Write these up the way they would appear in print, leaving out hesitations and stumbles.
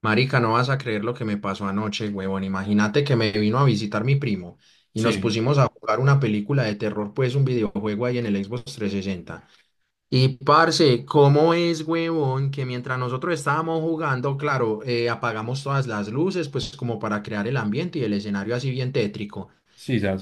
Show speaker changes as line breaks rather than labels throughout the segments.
Marica, no vas a creer lo que me pasó anoche, huevón. Imagínate que me vino a visitar mi primo y nos
Sí,
pusimos a jugar una película de terror, pues un videojuego ahí en el Xbox 360. Y parce, ¿cómo es, huevón, que mientras nosotros estábamos jugando, claro, apagamos todas las luces, pues como para crear el ambiente y el escenario así bien tétrico
sí, ya.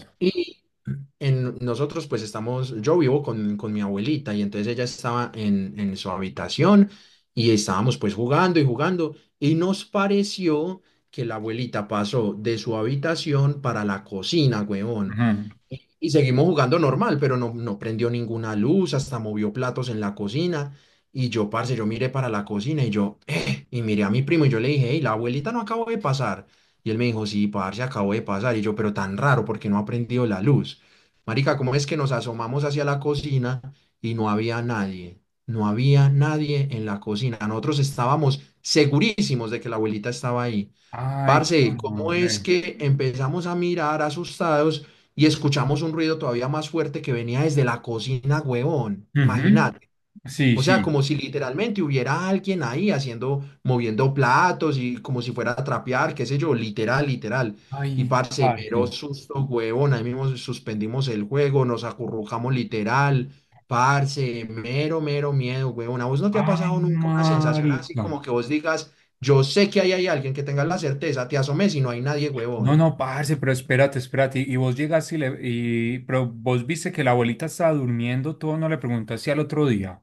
en nosotros pues estamos, yo vivo con mi abuelita y entonces ella estaba en su habitación y estábamos pues jugando y jugando y nos pareció que la abuelita pasó de su habitación para la cocina, huevón,
Mhm.
y seguimos jugando normal, pero no prendió ninguna luz, hasta movió platos en la cocina. Y yo, parce, yo miré para la cocina y yo, y miré a mi primo y yo le dije, hey, la abuelita no acabó de pasar. Y él me dijo, sí, parce, acabó de pasar. Y yo, pero tan raro, porque no ha prendido la luz. Marica, ¿cómo es que nos asomamos hacia la cocina y no había nadie? No había nadie en la cocina. Nosotros estábamos segurísimos de que la abuelita estaba ahí.
Ay,
Parce, ¿cómo es
corre.
que empezamos a mirar asustados y escuchamos un ruido todavía más fuerte que venía desde la cocina, huevón?
Mhm.
Imagínate.
Sí,
O sea,
sí.
como si literalmente hubiera alguien ahí haciendo, moviendo platos y como si fuera a trapear, qué sé yo, literal, literal. Y
Ay,
parce,
parce.
mero susto, huevón, ahí mismo suspendimos el juego, nos acurrucamos literal, parce, mero, mero miedo, huevón. ¿A vos no te ha
Ay,
pasado nunca una sensación así
marica.
como que vos digas, yo sé que ahí hay alguien que tenga la certeza, te asomes y no hay nadie,
No,
huevón?
no, parce, pero espérate, espérate. Y vos llegas y le... Y, pero vos viste que la abuelita estaba durmiendo, todo, no le preguntaste al otro día.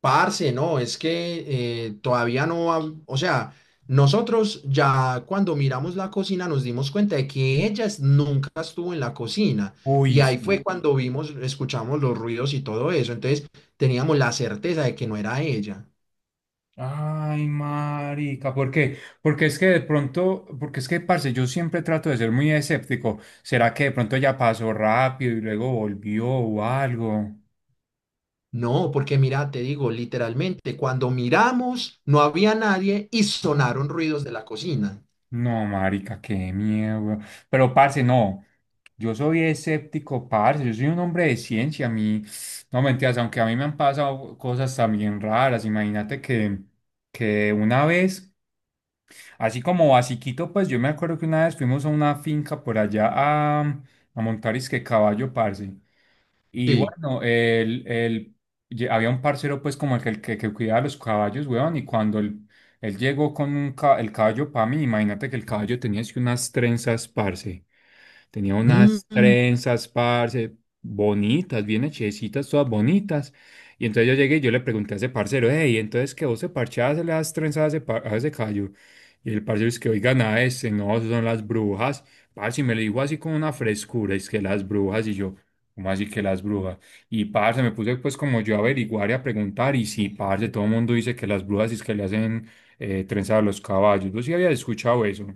Parce, no, es que todavía no, o sea, nosotros ya cuando miramos la cocina nos dimos cuenta de que nunca estuvo en la cocina y
Uy,
ahí
sí.
fue cuando vimos, escuchamos los ruidos y todo eso, entonces teníamos la certeza de que no era ella.
Ay, marica, ¿por qué? Porque es que de pronto, porque es que, parce, yo siempre trato de ser muy escéptico. ¿Será que de pronto ya pasó rápido y luego volvió o algo?
No, porque mira, te digo, literalmente, cuando miramos no había nadie y sonaron ruidos de la cocina.
No, marica, qué miedo, weón. Pero, parce, no. Yo soy escéptico, parce. Yo soy un hombre de ciencia. A mí, no, mentiras, aunque a mí me han pasado cosas también raras. Imagínate que una vez, así como basiquito, pues yo me acuerdo que una vez fuimos a una finca por allá a montar que caballo, parce. Y
Sí.
bueno, había un parcero pues como que cuidaba los caballos, weón, y cuando él llegó con el caballo para mí. Imagínate que el caballo tenía así unas trenzas, parce. Tenía unas
Mm.
trenzas, parce, bonitas, bien hechecitas, todas bonitas. Y entonces yo llegué y yo le pregunté a ese parcero, hey, entonces que vos se parchás le das trenzas a ese, a ese callo. Y el parcero es que, oiga, nada, este, no, eso son las brujas. Parce, y me lo dijo así con una frescura, es que las brujas. Y yo, ¿cómo así que las brujas? Y parce, me puse pues como yo a averiguar y a preguntar. Y sí, parce, todo el mundo dice que las brujas es que le hacen trenzas a los caballos. Yo sí había escuchado eso.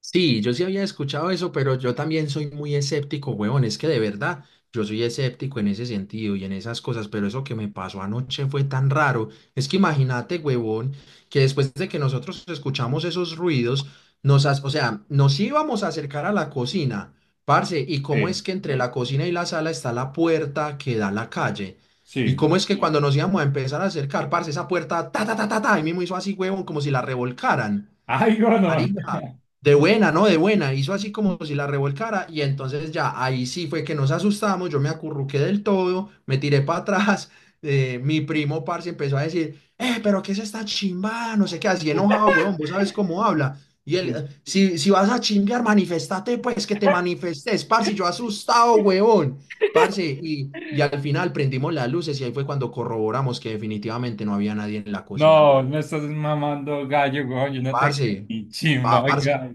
Sí, yo sí había escuchado eso, pero yo también soy muy escéptico, huevón. Es que de verdad, yo soy escéptico en ese sentido y en esas cosas, pero eso que me pasó anoche fue tan raro. Es que imagínate, huevón, que después de que nosotros escuchamos esos ruidos, o sea, nos íbamos a acercar a la cocina, parce, y cómo es
Sí,
que entre la cocina y la sala está la puerta que da a la calle. Y
sí.
cómo es que cuando nos íbamos a empezar a acercar, parce, esa puerta, ta, ta, ta, ta, ta, ahí mismo hizo así, huevón, como si la revolcaran.
Ay, bueno.
Marica, de buena, ¿no? De buena. Hizo así como si la revolcara y entonces ya ahí sí fue que nos asustamos, yo me acurruqué del todo, me tiré para atrás, mi primo parce empezó a decir, pero ¿qué es esta chimbada? No sé qué, así enojado, huevón, vos sabes cómo habla. Y él,
Sí.
Si vas a chingar, manifestate, pues que te manifestes, parce, yo asustado, huevón, parce. Y al final prendimos las luces y ahí fue cuando corroboramos que definitivamente no había nadie en la cocina,
No,
huevón.
me estás mamando gallo, weón. Yo no te creo
Parce.
ni chimba,
Parce,
oiga.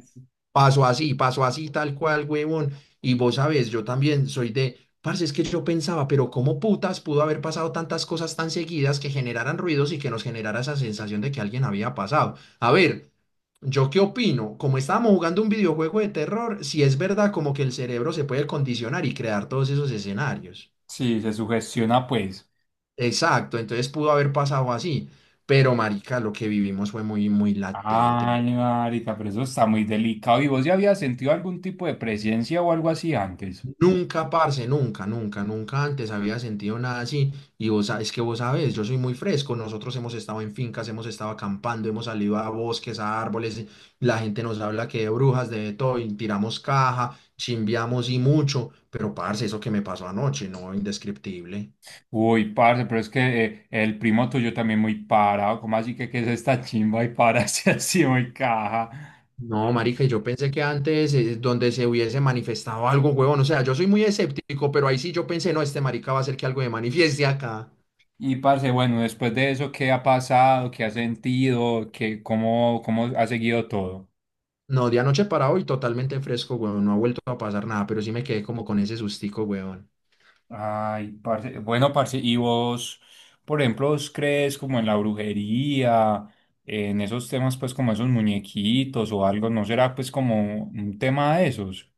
pasó así, pasó así, tal cual, huevón. Y vos sabés, yo también soy de, parce, es que yo pensaba, pero ¿cómo putas pudo haber pasado tantas cosas tan seguidas que generaran ruidos y que nos generara esa sensación de que alguien había pasado? A ver, ¿yo qué opino? Como estábamos jugando un videojuego de terror, si es verdad como que el cerebro se puede condicionar y crear todos esos escenarios.
Sí, se sugestiona, pues.
Exacto, entonces pudo haber pasado así. Pero, marica, lo que vivimos fue muy, muy latente, muy...
Ay, marica, pero eso está muy delicado. ¿Y vos ya habías sentido algún tipo de presencia o algo así antes?
Nunca, parce, nunca, nunca, nunca antes había sentido nada así. Y vos, es que vos sabés, yo soy muy fresco. Nosotros hemos estado en fincas, hemos estado acampando, hemos salido a bosques, a árboles. La gente nos habla que de brujas, de todo, y tiramos caja, chimbiamos y mucho. Pero, parce, eso que me pasó anoche, no, indescriptible.
Uy, parce, pero es que el primo tuyo también muy parado. ¿Cómo así que qué es esta chimba y pararse así muy caja?
No, marica, y yo pensé que antes, donde se hubiese manifestado algo, huevón. O sea, yo soy muy escéptico, pero ahí sí yo pensé, no, este marica va a hacer que algo me manifieste acá.
Y parce, bueno, después de eso, ¿qué ha pasado? ¿Qué has sentido? ¿Qué, cómo, cómo ha seguido todo?
No, de anoche para hoy totalmente fresco, weón. No ha vuelto a pasar nada, pero sí me quedé como con ese sustico, weón.
Ay, parce, bueno, parce, ¿y vos, por ejemplo, vos crees como en la brujería, en esos temas, pues como esos muñequitos o algo? ¿No será pues como un tema de esos?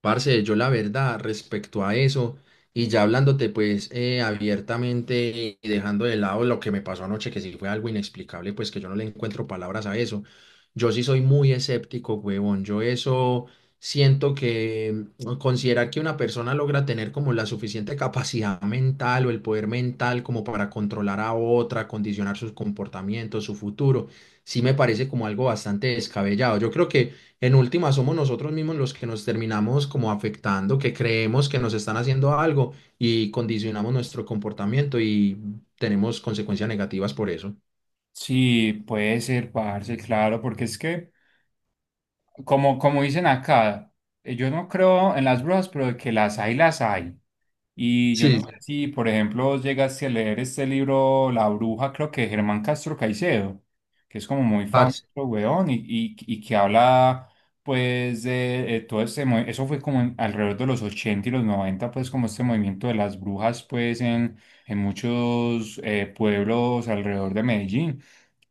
Parce, yo la verdad respecto a eso, y ya hablándote pues abiertamente y dejando de lado lo que me pasó anoche, que sí fue algo inexplicable, pues que yo no le encuentro palabras a eso. Yo sí soy muy escéptico, huevón. Yo eso siento que considerar que una persona logra tener como la suficiente capacidad mental o el poder mental como para controlar a otra, condicionar sus comportamientos, su futuro, sí me parece como algo bastante descabellado. Yo creo que... En última, somos nosotros mismos los que nos terminamos como afectando, que creemos que nos están haciendo algo y condicionamos nuestro comportamiento y tenemos consecuencias negativas por eso.
Sí, puede ser, parce, claro, porque es que, como, como dicen acá, yo no creo en las brujas, pero de que las hay, las hay. Y yo
Sí,
no
sí.
sé si, por ejemplo, vos llegaste a leer este libro La Bruja, creo que de Germán Castro Caicedo, que es como muy famoso,
Parce,
weón, y que habla, pues, de, todo este, eso fue como alrededor de los 80 y los 90 pues, como este movimiento de las brujas, pues, en muchos pueblos alrededor de Medellín.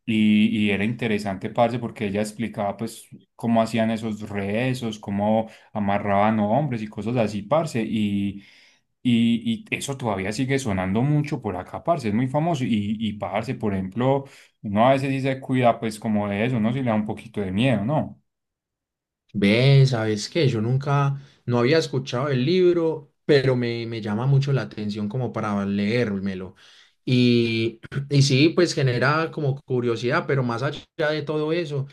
Y era interesante, parce, porque ella explicaba, pues, cómo hacían esos rezos, cómo amarraban hombres y cosas así, parce. Y eso todavía sigue sonando mucho por acá, parce. Es muy famoso. Y parce, por ejemplo, uno a veces dice, cuida, pues, como de eso, ¿no? Si le da un poquito de miedo, ¿no?
ve, ¿sabes qué? Yo nunca, no había escuchado el libro, pero me llama mucho la atención como para leérmelo. Y y sí, pues genera como curiosidad, pero más allá de todo eso,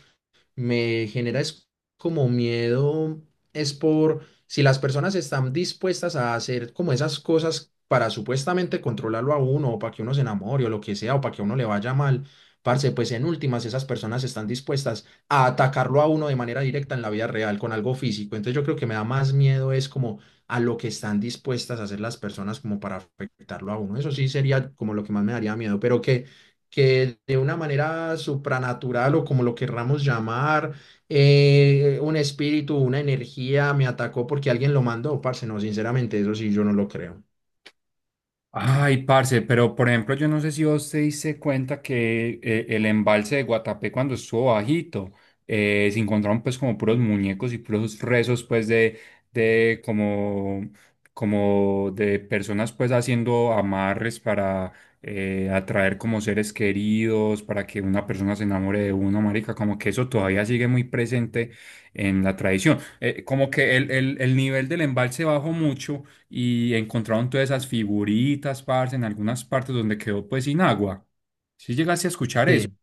me genera es como miedo, es por si las personas están dispuestas a hacer como esas cosas para supuestamente controlarlo a uno o para que uno se enamore o lo que sea o para que a uno le vaya mal, parce, pues en últimas esas personas están dispuestas a atacarlo a uno de manera directa en la vida real con algo físico. Entonces yo creo que me da más miedo es como a lo que están dispuestas a hacer las personas como para afectarlo a uno. Eso sí sería como lo que más me daría miedo, pero que de una manera supranatural o como lo querramos llamar, un espíritu, una energía me atacó porque alguien lo mandó, parce, no, sinceramente, eso sí, yo no lo creo.
Ay, parce, pero por ejemplo, yo no sé si vos te diste cuenta que el embalse de Guatapé cuando estuvo bajito, se encontraron pues como puros muñecos y puros rezos pues de como, como de personas pues haciendo amarres para atraer como seres queridos, para que una persona se enamore de uno, marica, como que eso todavía sigue muy presente en la tradición. Como que el, el nivel del embalse bajó mucho y encontraron todas esas figuritas, parce, en algunas partes donde quedó pues sin agua. Si llegaste a escuchar eso.
Sí.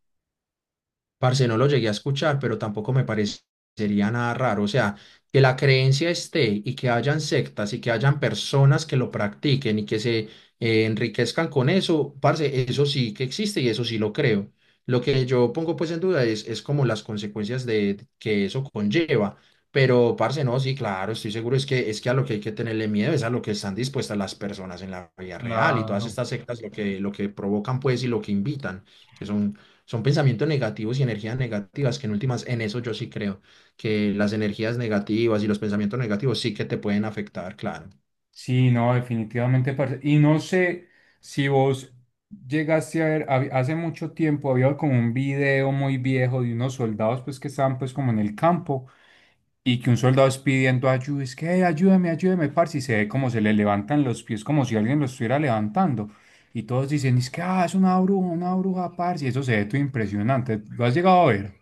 Parce, no lo llegué a escuchar, pero tampoco me parecería nada raro. O sea, que la creencia esté y que hayan sectas y que hayan personas que lo practiquen y que se enriquezcan con eso, parce, eso sí que existe y eso sí lo creo. Lo que yo pongo pues en duda es como las consecuencias de que eso conlleva. Pero, parce, no, sí, claro, estoy seguro es que a lo que hay que tenerle miedo es a lo que están dispuestas las personas en la vida real y todas
Claro.
estas sectas lo que provocan pues y lo que invitan, que son pensamientos negativos y energías negativas, que en últimas, en eso yo sí creo, que las energías negativas y los pensamientos negativos sí que te pueden afectar, claro.
Sí, no, definitivamente, parce. Y no sé si vos llegaste a ver, hace mucho tiempo había como un video muy viejo de unos soldados pues que estaban pues como en el campo y que un soldado es pidiendo ayuda, es que "Hey, ayúdame, ayúdame", parce, y se ve como se le levantan los pies, como si alguien los estuviera levantando. Y todos dicen, es que ah, es una bruja, parce, y eso se ve todo impresionante. ¿Lo has llegado a ver?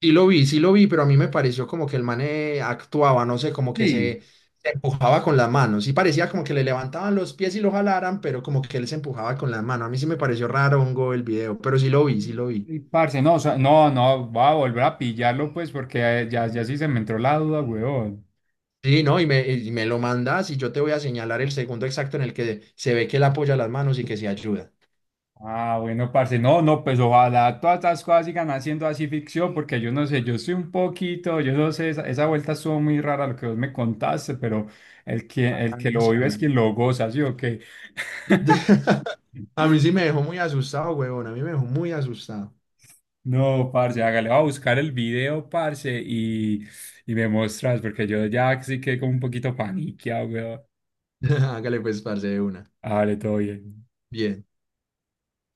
Sí lo vi, pero a mí me pareció como que el mane actuaba, no sé,
Sí.
se empujaba con las manos. Sí parecía como que le levantaban los pies y lo jalaran, pero como que él se empujaba con las manos. A mí sí me pareció raro hongo el video, pero sí lo vi, sí lo vi.
Y parce, no, o sea, no, no, va a volver a pillarlo, pues, porque ya, ya sí se me entró la duda, weón.
Sí, no, y me lo mandas y yo te voy a señalar el segundo exacto en el que se ve que él apoya las manos y que se ayuda.
Ah, bueno, parce, no, no, pues ojalá todas estas cosas sigan haciendo así ficción, porque yo no sé, yo soy un poquito, yo no sé, esa vuelta estuvo muy rara lo que vos me contaste, pero el
Ah,
que lo
sí,
vive es
amén.
quien lo goza, ¿sí o qué?
A mí sí me dejó muy asustado, huevón. A mí me dejó muy asustado.
No, parce, hágale, va a buscar el video, parce, y me mostras, porque yo ya sí quedé como un poquito paniqueado, weón.
Hágale pues, parce, de una.
Hágale, todo bien.
Bien.